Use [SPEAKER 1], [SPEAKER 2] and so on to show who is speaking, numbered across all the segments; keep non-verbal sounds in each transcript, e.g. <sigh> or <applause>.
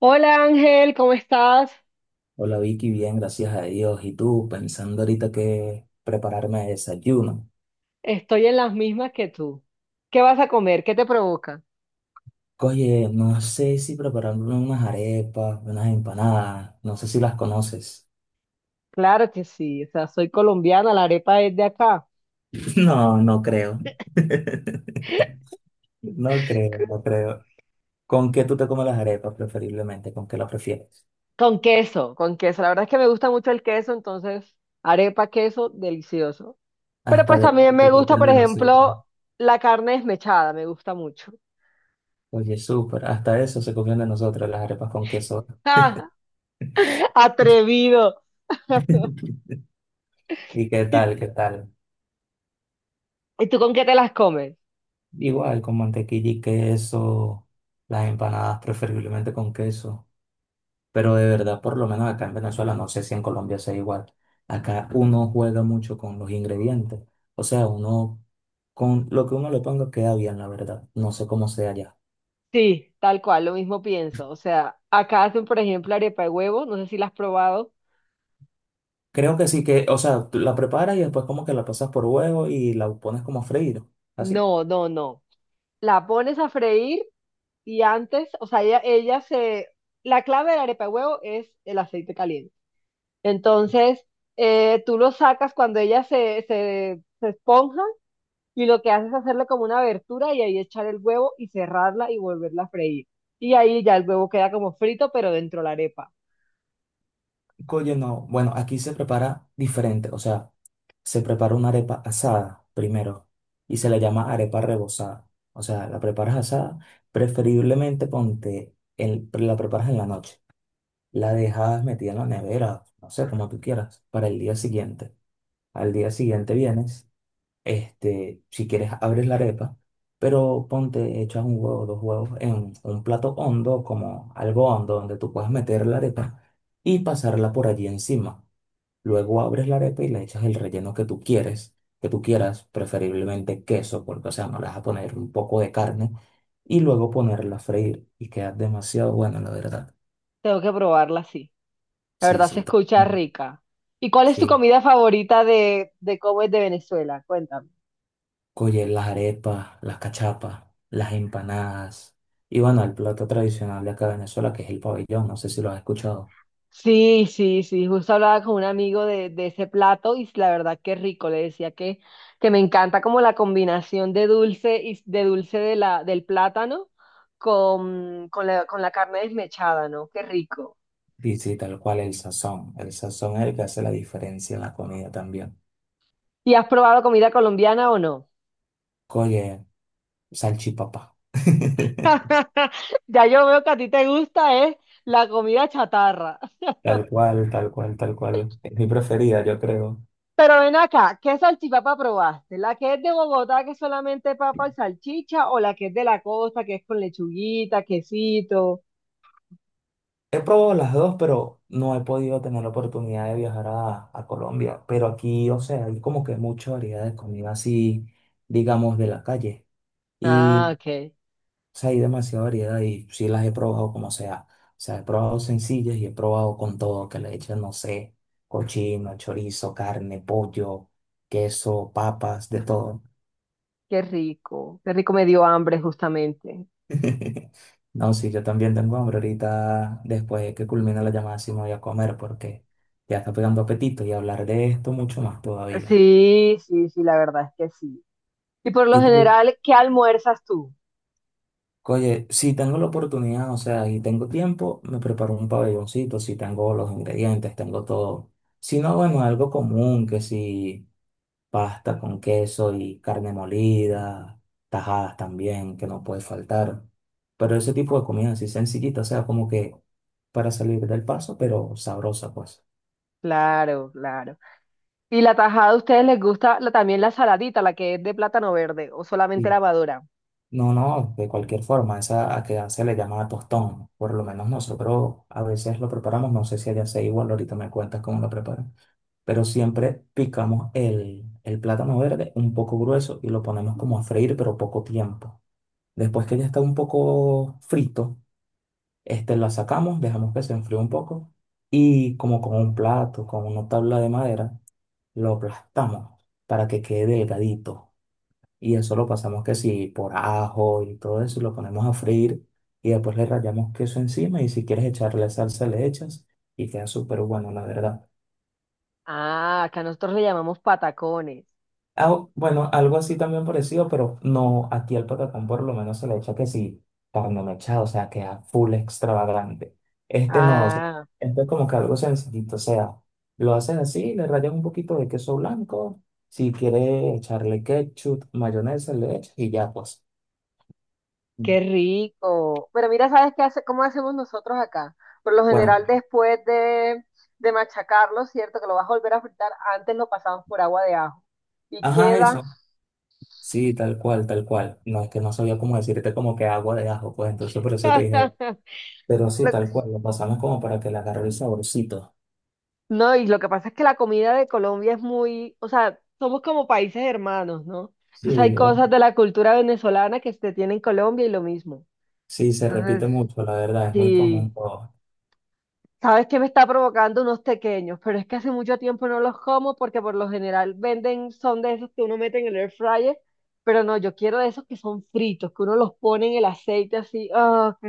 [SPEAKER 1] Hola Ángel, ¿cómo estás?
[SPEAKER 2] Hola Vicky, bien, gracias a Dios. ¿Y tú? Pensando ahorita que prepararme de desayuno.
[SPEAKER 1] Estoy en las mismas que tú. ¿Qué vas a comer? ¿Qué te provoca?
[SPEAKER 2] Oye, no sé si prepararme unas arepas, unas empanadas, no sé si las conoces.
[SPEAKER 1] Claro que sí, o sea, soy colombiana, la arepa es de acá.
[SPEAKER 2] <laughs> No, no creo. <laughs> No creo, no creo. ¿Con qué tú te comes las arepas preferiblemente? ¿Con qué las prefieres?
[SPEAKER 1] Con queso, con queso. La verdad es que me gusta mucho el queso, entonces arepa, queso, delicioso. Pero
[SPEAKER 2] Hasta
[SPEAKER 1] pues
[SPEAKER 2] de
[SPEAKER 1] también
[SPEAKER 2] eso
[SPEAKER 1] me
[SPEAKER 2] se
[SPEAKER 1] gusta,
[SPEAKER 2] copian
[SPEAKER 1] por
[SPEAKER 2] de nosotros.
[SPEAKER 1] ejemplo, la carne desmechada, me gusta mucho.
[SPEAKER 2] Oye, súper, hasta eso se copian de nosotros las arepas con queso.
[SPEAKER 1] <laughs> Atrevido. <laughs>
[SPEAKER 2] ¿Y qué
[SPEAKER 1] ¿Y,
[SPEAKER 2] tal, qué tal?
[SPEAKER 1] y tú con qué te las comes?
[SPEAKER 2] Igual, con mantequilla y queso, las empanadas preferiblemente con queso. Pero de verdad, por lo menos acá en Venezuela, no sé si en Colombia sea igual. Acá uno juega mucho con los ingredientes. O sea, uno con lo que uno le ponga queda bien, la verdad. No sé cómo sea allá.
[SPEAKER 1] Sí, tal cual, lo mismo pienso. O sea, acá hacen, por ejemplo, arepa de huevo, no sé si la has probado.
[SPEAKER 2] Creo que sí que, o sea, tú la preparas y después como que la pasas por huevo y la pones como a freír. Así.
[SPEAKER 1] No, no, no. La pones a freír y antes, o sea, ella se... La clave de la arepa de huevo es el aceite caliente. Entonces, tú lo sacas cuando ella se esponja y lo que haces es hacerle como una abertura y ahí echar el huevo y cerrarla y volverla a freír. Y ahí ya el huevo queda como frito, pero dentro de la arepa.
[SPEAKER 2] Oye, no. Bueno, aquí se prepara diferente. O sea, se prepara una arepa asada primero y se le llama arepa rebozada. O sea, la preparas asada, preferiblemente ponte, la preparas en la noche. La dejas metida en la nevera, no sé, como tú quieras, para el día siguiente. Al día siguiente vienes, si quieres abres la arepa, pero ponte, echas un huevo, dos huevos en un plato hondo, como algo hondo, donde tú puedas meter la arepa y pasarla por allí encima. Luego abres la arepa y le echas el relleno que tú quieras, preferiblemente queso, porque, o sea, no le vas a poner un poco de carne, y luego ponerla a freír y queda demasiado bueno, la verdad.
[SPEAKER 1] Tengo que probarla así. La
[SPEAKER 2] Sí,
[SPEAKER 1] verdad se
[SPEAKER 2] sí.
[SPEAKER 1] escucha
[SPEAKER 2] También.
[SPEAKER 1] rica. ¿Y cuál es tu
[SPEAKER 2] Sí.
[SPEAKER 1] comida favorita de cómo es de Venezuela? Cuéntame.
[SPEAKER 2] Oye, las arepas, las cachapas, las empanadas. Y bueno, el plato tradicional de acá de Venezuela, que es el pabellón, no sé si lo has escuchado.
[SPEAKER 1] Sí, sí, sí, justo hablaba con un amigo de ese plato y la verdad que rico, le decía que me encanta como la combinación de dulce y de dulce de la, del plátano con la carne desmechada, ¿no? Qué rico.
[SPEAKER 2] Y sí, tal cual el sazón. El sazón es el que hace la diferencia en la comida también.
[SPEAKER 1] ¿Y has probado comida colombiana o no?
[SPEAKER 2] Oye, salchipapa. <laughs>
[SPEAKER 1] <laughs> Ya yo veo que a ti te gusta es la comida chatarra.
[SPEAKER 2] Tal cual, tal cual, tal cual. Es mi preferida, yo creo.
[SPEAKER 1] Pero ven acá, ¿qué salchipapa probaste? ¿La que es de Bogotá, que es solamente papa y salchicha, o la que es de la costa, que es con lechuguita, quesito?
[SPEAKER 2] He probado las dos, pero no he podido tener la oportunidad de viajar a Colombia. Pero aquí, o sea, hay como que mucha variedad de comida así, digamos, de la calle.
[SPEAKER 1] Ah,
[SPEAKER 2] y
[SPEAKER 1] ok.
[SPEAKER 2] O sea, hay demasiada variedad y sí las he probado como sea. O sea, he probado sencillas y he probado con todo, que le echan, no sé, cochino, chorizo, carne, pollo, queso, papas, de todo.
[SPEAKER 1] Qué rico. Qué rico, me dio hambre justamente.
[SPEAKER 2] <laughs> No, sí, yo también tengo hambre ahorita, después de que culmina la llamada, sí me voy a comer porque ya está pegando apetito y hablar de esto mucho más todavía.
[SPEAKER 1] Sí, sí, sí, la verdad es que sí. Y por lo
[SPEAKER 2] ¿Y tú
[SPEAKER 1] general, ¿qué almuerzas tú?
[SPEAKER 2] Oye, si tengo la oportunidad, o sea, y tengo tiempo, me preparo un pabelloncito, si tengo los ingredientes, tengo todo. Si no, bueno, algo común, que si pasta con queso y carne molida, tajadas también, que no puede faltar. Pero ese tipo de comida así sencillita, o sea, como que para salir del paso, pero sabrosa, pues.
[SPEAKER 1] Claro, claro. ¿Y la tajada a ustedes les gusta la- también la saladita, la que es de plátano verde o solamente la madura?
[SPEAKER 2] No, no, de cualquier forma, esa a que se le llama tostón. Por lo menos nosotros a veces lo preparamos, no sé si allá sea igual, ahorita me cuentas cómo lo preparan. Pero siempre picamos el plátano verde un poco grueso y lo ponemos como a freír, pero poco tiempo. Después que ya está un poco frito, lo sacamos, dejamos que se enfríe un poco y como con un plato, con una tabla de madera, lo aplastamos para que quede delgadito y eso lo pasamos que si por ajo y todo eso, y lo ponemos a freír y después le rallamos queso encima y si quieres echarle salsa le echas y queda súper bueno, la verdad.
[SPEAKER 1] Ah, acá nosotros le llamamos patacones.
[SPEAKER 2] Ah, bueno, algo así también parecido, pero no, aquí al patacón por lo menos se le echa que sí, carne mechada, o sea, queda full extravagante. Este no, o sea,
[SPEAKER 1] Ah.
[SPEAKER 2] este es como que algo sencillito, o sea, lo haces así, le rayas un poquito de queso blanco, si quieres echarle ketchup, mayonesa, le echas y ya pues.
[SPEAKER 1] Qué rico. Pero mira, ¿sabes qué hace, cómo hacemos nosotros acá? Por lo
[SPEAKER 2] Bueno,
[SPEAKER 1] general, después de machacarlo, ¿cierto? Que lo vas a volver a fritar, antes lo pasamos por agua de ajo. Y
[SPEAKER 2] ajá,
[SPEAKER 1] queda.
[SPEAKER 2] eso. Sí, tal cual, tal cual. No es que no sabía cómo decirte como que agua de ajo, pues entonces por eso te dije,
[SPEAKER 1] <laughs>
[SPEAKER 2] pero sí,
[SPEAKER 1] lo-
[SPEAKER 2] tal cual, lo pasamos como para que le agarre el saborcito.
[SPEAKER 1] No, y lo que pasa es que la comida de Colombia es muy, o sea, somos como países hermanos, ¿no?
[SPEAKER 2] Sí,
[SPEAKER 1] Entonces hay cosas de la cultura venezolana que se tiene en Colombia y lo mismo.
[SPEAKER 2] sí, se
[SPEAKER 1] Entonces,
[SPEAKER 2] repite mucho, la verdad, es muy común.
[SPEAKER 1] sí.
[SPEAKER 2] Pero
[SPEAKER 1] Sabes que me está provocando unos pequeños, pero es que hace mucho tiempo no los como porque por lo general venden, son de esos que uno mete en el air fryer, pero no, yo quiero de esos que son fritos, que uno los pone en el aceite así, ¡oh, qué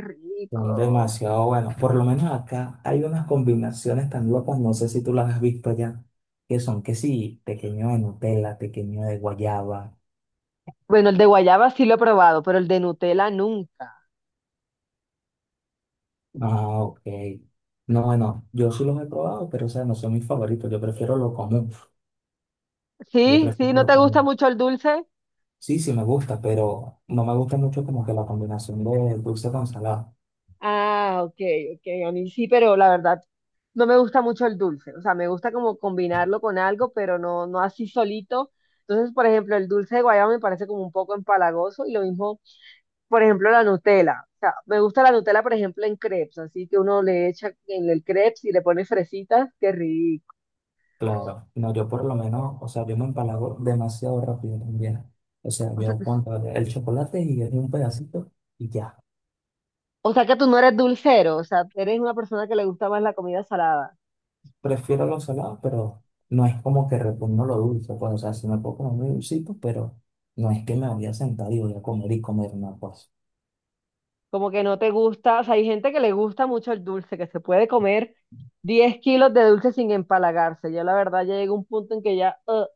[SPEAKER 2] son
[SPEAKER 1] rico!
[SPEAKER 2] demasiado buenos. Por lo menos acá hay unas combinaciones tan locas, no sé si tú las has visto ya, que son que sí, pequeño de Nutella, pequeño de guayaba.
[SPEAKER 1] Bueno, el de guayaba sí lo he probado, pero el de Nutella nunca.
[SPEAKER 2] Ah, ok. No, bueno, yo sí los he probado, pero o sea, no son mis favoritos, yo prefiero lo común. Yo
[SPEAKER 1] Sí, sí,
[SPEAKER 2] prefiero
[SPEAKER 1] ¿no
[SPEAKER 2] lo
[SPEAKER 1] te gusta
[SPEAKER 2] común.
[SPEAKER 1] mucho el dulce?
[SPEAKER 2] Sí, sí me gusta, pero no me gusta mucho como que la combinación de dulce con salado.
[SPEAKER 1] Ah, ok, ok. A mí sí, pero la verdad no me gusta mucho el dulce. O sea, me gusta como combinarlo con algo, pero no, no así solito. Entonces, por ejemplo, el dulce de guayaba me parece como un poco empalagoso y lo mismo, por ejemplo, la Nutella. O sea, me gusta la Nutella, por ejemplo, en crepes, así que uno le echa en el crepes y le pone fresitas, qué rico.
[SPEAKER 2] Claro, no, yo por lo menos, o sea, yo me empalago demasiado rápido también. O sea, yo pongo el chocolate y es un pedacito y ya.
[SPEAKER 1] O sea que tú no eres dulcero, o sea, eres una persona que le gusta más la comida salada.
[SPEAKER 2] Prefiero lo salado, pero no es como que repugno lo dulce. Pues, o sea, si me puedo comer muy dulcito, pero no es que me voy a sentar y voy a comer y comer una cosa.
[SPEAKER 1] Como que no te gusta, o sea, hay gente que le gusta mucho el dulce, que se puede comer 10 kilos de dulce sin empalagarse. Yo la verdad ya llega un punto en que ya, "Ugh,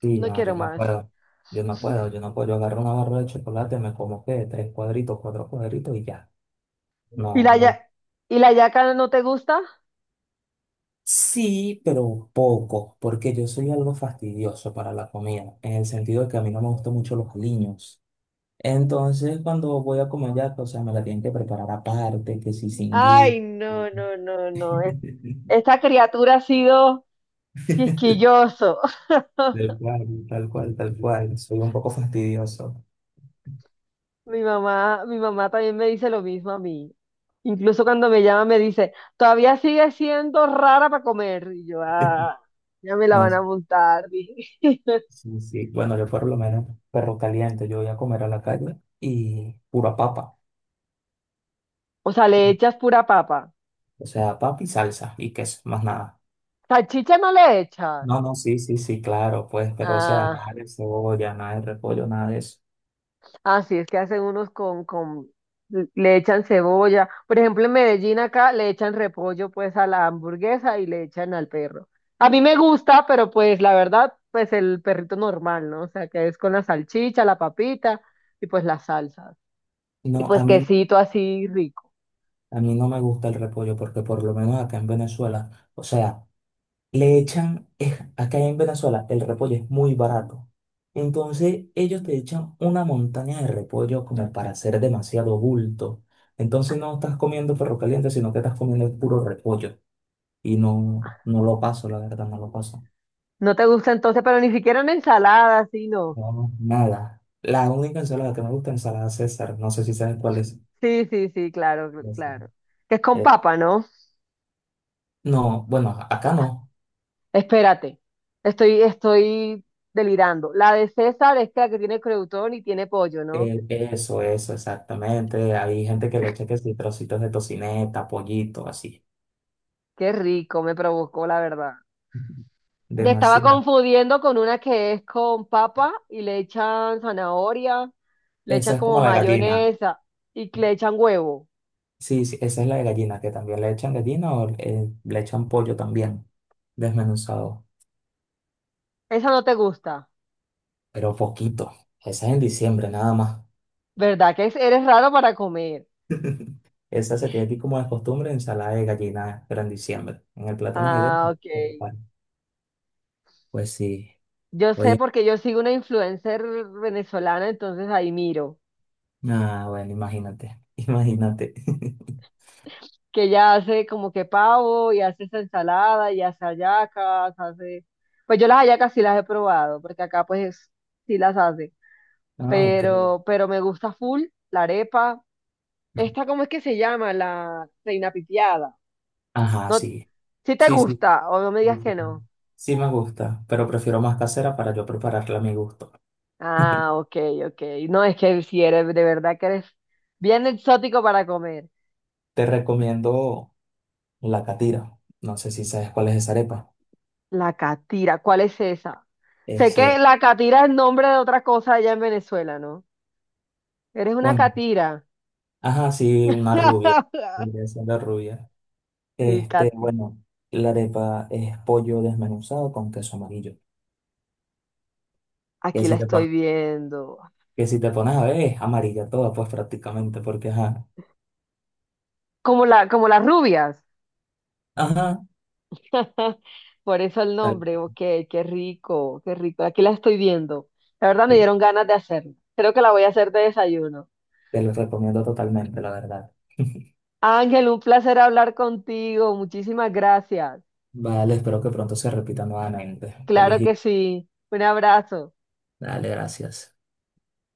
[SPEAKER 2] Sí,
[SPEAKER 1] no
[SPEAKER 2] no,
[SPEAKER 1] quiero
[SPEAKER 2] yo no
[SPEAKER 1] más".
[SPEAKER 2] puedo. Yo no puedo, yo no puedo. Yo agarro una barra de chocolate, me como que tres cuadritos, cuatro cuadritos y ya.
[SPEAKER 1] ¿Y
[SPEAKER 2] No,
[SPEAKER 1] la
[SPEAKER 2] no.
[SPEAKER 1] ya- y la yaca no te gusta?
[SPEAKER 2] Sí, pero un poco, porque yo soy algo fastidioso para la comida, en el sentido de que a mí no me gustan mucho los aliños. Entonces, cuando voy a comer ya, o sea, me la tienen que preparar aparte, que si sin
[SPEAKER 1] Ay,
[SPEAKER 2] gui.
[SPEAKER 1] no, no, no, no.
[SPEAKER 2] <laughs>
[SPEAKER 1] Esta criatura ha sido quisquilloso. <laughs>
[SPEAKER 2] Tal cual, tal cual, tal cual. Soy un poco fastidioso.
[SPEAKER 1] Mi mamá también me dice lo mismo a mí. Incluso cuando me llama me dice, todavía sigue siendo rara para comer. Y yo, ah, ya me la
[SPEAKER 2] No,
[SPEAKER 1] van a montar. <laughs>
[SPEAKER 2] sí, sí. Bueno, yo por lo menos perro caliente, yo voy a comer a la calle y pura papa.
[SPEAKER 1] O sea, le echas pura papa.
[SPEAKER 2] O sea, papa y salsa y queso, más nada.
[SPEAKER 1] Salchicha no le echas.
[SPEAKER 2] No, no, sí, sí, sí, claro, pues, pero o sea,
[SPEAKER 1] Ah,
[SPEAKER 2] nada de cebolla, nada de repollo, nada de eso.
[SPEAKER 1] ah, sí, es que hacen unos le echan cebolla. Por ejemplo, en Medellín acá le echan repollo pues a la hamburguesa y le echan al perro. A mí me gusta, pero pues la verdad, pues el perrito normal, ¿no? O sea, que es con la salchicha, la papita y pues las salsas. Y
[SPEAKER 2] No,
[SPEAKER 1] pues quesito así rico.
[SPEAKER 2] a mí no me gusta el repollo porque por lo menos acá en Venezuela, o sea, le echan, acá en Venezuela el repollo es muy barato. Entonces ellos te echan una montaña de repollo como para hacer demasiado bulto. Entonces no estás comiendo perro caliente, sino que estás comiendo el puro repollo. Y no, no lo paso, la verdad, no lo paso.
[SPEAKER 1] ¿No te gusta entonces? Pero ni siquiera una ensalada, así no.
[SPEAKER 2] No, nada. La única ensalada que me gusta es ensalada César. No sé si sabes cuál es.
[SPEAKER 1] Sí, sí, sí, claro,
[SPEAKER 2] Ya sé.
[SPEAKER 1] claro. Que es con
[SPEAKER 2] Eh,
[SPEAKER 1] papa, ¿no?
[SPEAKER 2] no, bueno, acá no.
[SPEAKER 1] Espérate, estoy delirando. La de César es la que tiene creutón y tiene pollo, ¿no?
[SPEAKER 2] Eso, eso, exactamente. Hay gente que le echa que sí, trocitos de tocineta, pollito, así.
[SPEAKER 1] Qué rico, me provocó, la verdad.
[SPEAKER 2] Ujú.
[SPEAKER 1] Te estaba
[SPEAKER 2] Demasiado.
[SPEAKER 1] confundiendo con una que es con papa y le echan zanahoria, le echan
[SPEAKER 2] Esa es
[SPEAKER 1] como
[SPEAKER 2] como la gallina.
[SPEAKER 1] mayonesa y le echan huevo.
[SPEAKER 2] Sí, sí, esa es la de gallina, que también le echan gallina o le echan pollo también, desmenuzado,
[SPEAKER 1] Esa no te gusta,
[SPEAKER 2] pero poquito. Esa es en diciembre nada más.
[SPEAKER 1] ¿verdad? Eres raro para comer.
[SPEAKER 2] <laughs> Esa se tiene aquí como de costumbre, ensalada de gallina, pero en diciembre. En el plato navideño
[SPEAKER 1] Ah, ok.
[SPEAKER 2] se prepara. Pues sí.
[SPEAKER 1] Yo sé
[SPEAKER 2] Oye.
[SPEAKER 1] porque yo sigo una influencer venezolana, entonces ahí miro.
[SPEAKER 2] Ah, bueno, imagínate, <laughs> imagínate. <laughs>
[SPEAKER 1] Que ya hace como que pavo y hace esa ensalada y hace hallacas, hace... Pues yo las hallacas sí las he probado, porque acá pues sí las hace,
[SPEAKER 2] Ah, ok.
[SPEAKER 1] pero me gusta full la arepa. Esta, ¿cómo es que se llama? La reina pitiada.
[SPEAKER 2] Ajá,
[SPEAKER 1] No,
[SPEAKER 2] sí.
[SPEAKER 1] si te
[SPEAKER 2] Sí, sí.
[SPEAKER 1] gusta o no me
[SPEAKER 2] Sí
[SPEAKER 1] digas
[SPEAKER 2] sí.
[SPEAKER 1] que no.
[SPEAKER 2] Sí me gusta, pero prefiero más casera para yo prepararla a mi gusto. <laughs>
[SPEAKER 1] Ah, ok, ok. No, es que si eres, de verdad que eres bien exótico para comer.
[SPEAKER 2] Te recomiendo la catira. No sé si sabes cuál es esa arepa.
[SPEAKER 1] La catira, ¿cuál es esa? Sé que
[SPEAKER 2] Ese,
[SPEAKER 1] la catira es nombre de otra cosa allá en Venezuela, ¿no? Eres una
[SPEAKER 2] bueno,
[SPEAKER 1] catira.
[SPEAKER 2] ajá, sí, una rubia.
[SPEAKER 1] <laughs>
[SPEAKER 2] Vendría siendo rubia.
[SPEAKER 1] Sí, Katy.
[SPEAKER 2] Bueno, la arepa es pollo desmenuzado con queso amarillo. Que
[SPEAKER 1] Aquí la
[SPEAKER 2] si te
[SPEAKER 1] estoy
[SPEAKER 2] pones,
[SPEAKER 1] viendo.
[SPEAKER 2] que si te pones a ver, es amarilla toda, pues prácticamente, porque ajá,
[SPEAKER 1] Como la, como las rubias.
[SPEAKER 2] ajá,
[SPEAKER 1] Por eso el
[SPEAKER 2] tal.
[SPEAKER 1] nombre. Ok, qué rico, qué rico. Aquí la estoy viendo. La verdad me
[SPEAKER 2] Sí.
[SPEAKER 1] dieron ganas de hacerlo. Creo que la voy a hacer de desayuno.
[SPEAKER 2] Te lo recomiendo totalmente, la verdad. <laughs>
[SPEAKER 1] Ángel, un placer hablar contigo. Muchísimas gracias.
[SPEAKER 2] Vale, espero que pronto se repita nuevamente. Feliz
[SPEAKER 1] Claro
[SPEAKER 2] día.
[SPEAKER 1] que sí. Un abrazo.
[SPEAKER 2] Dale, gracias.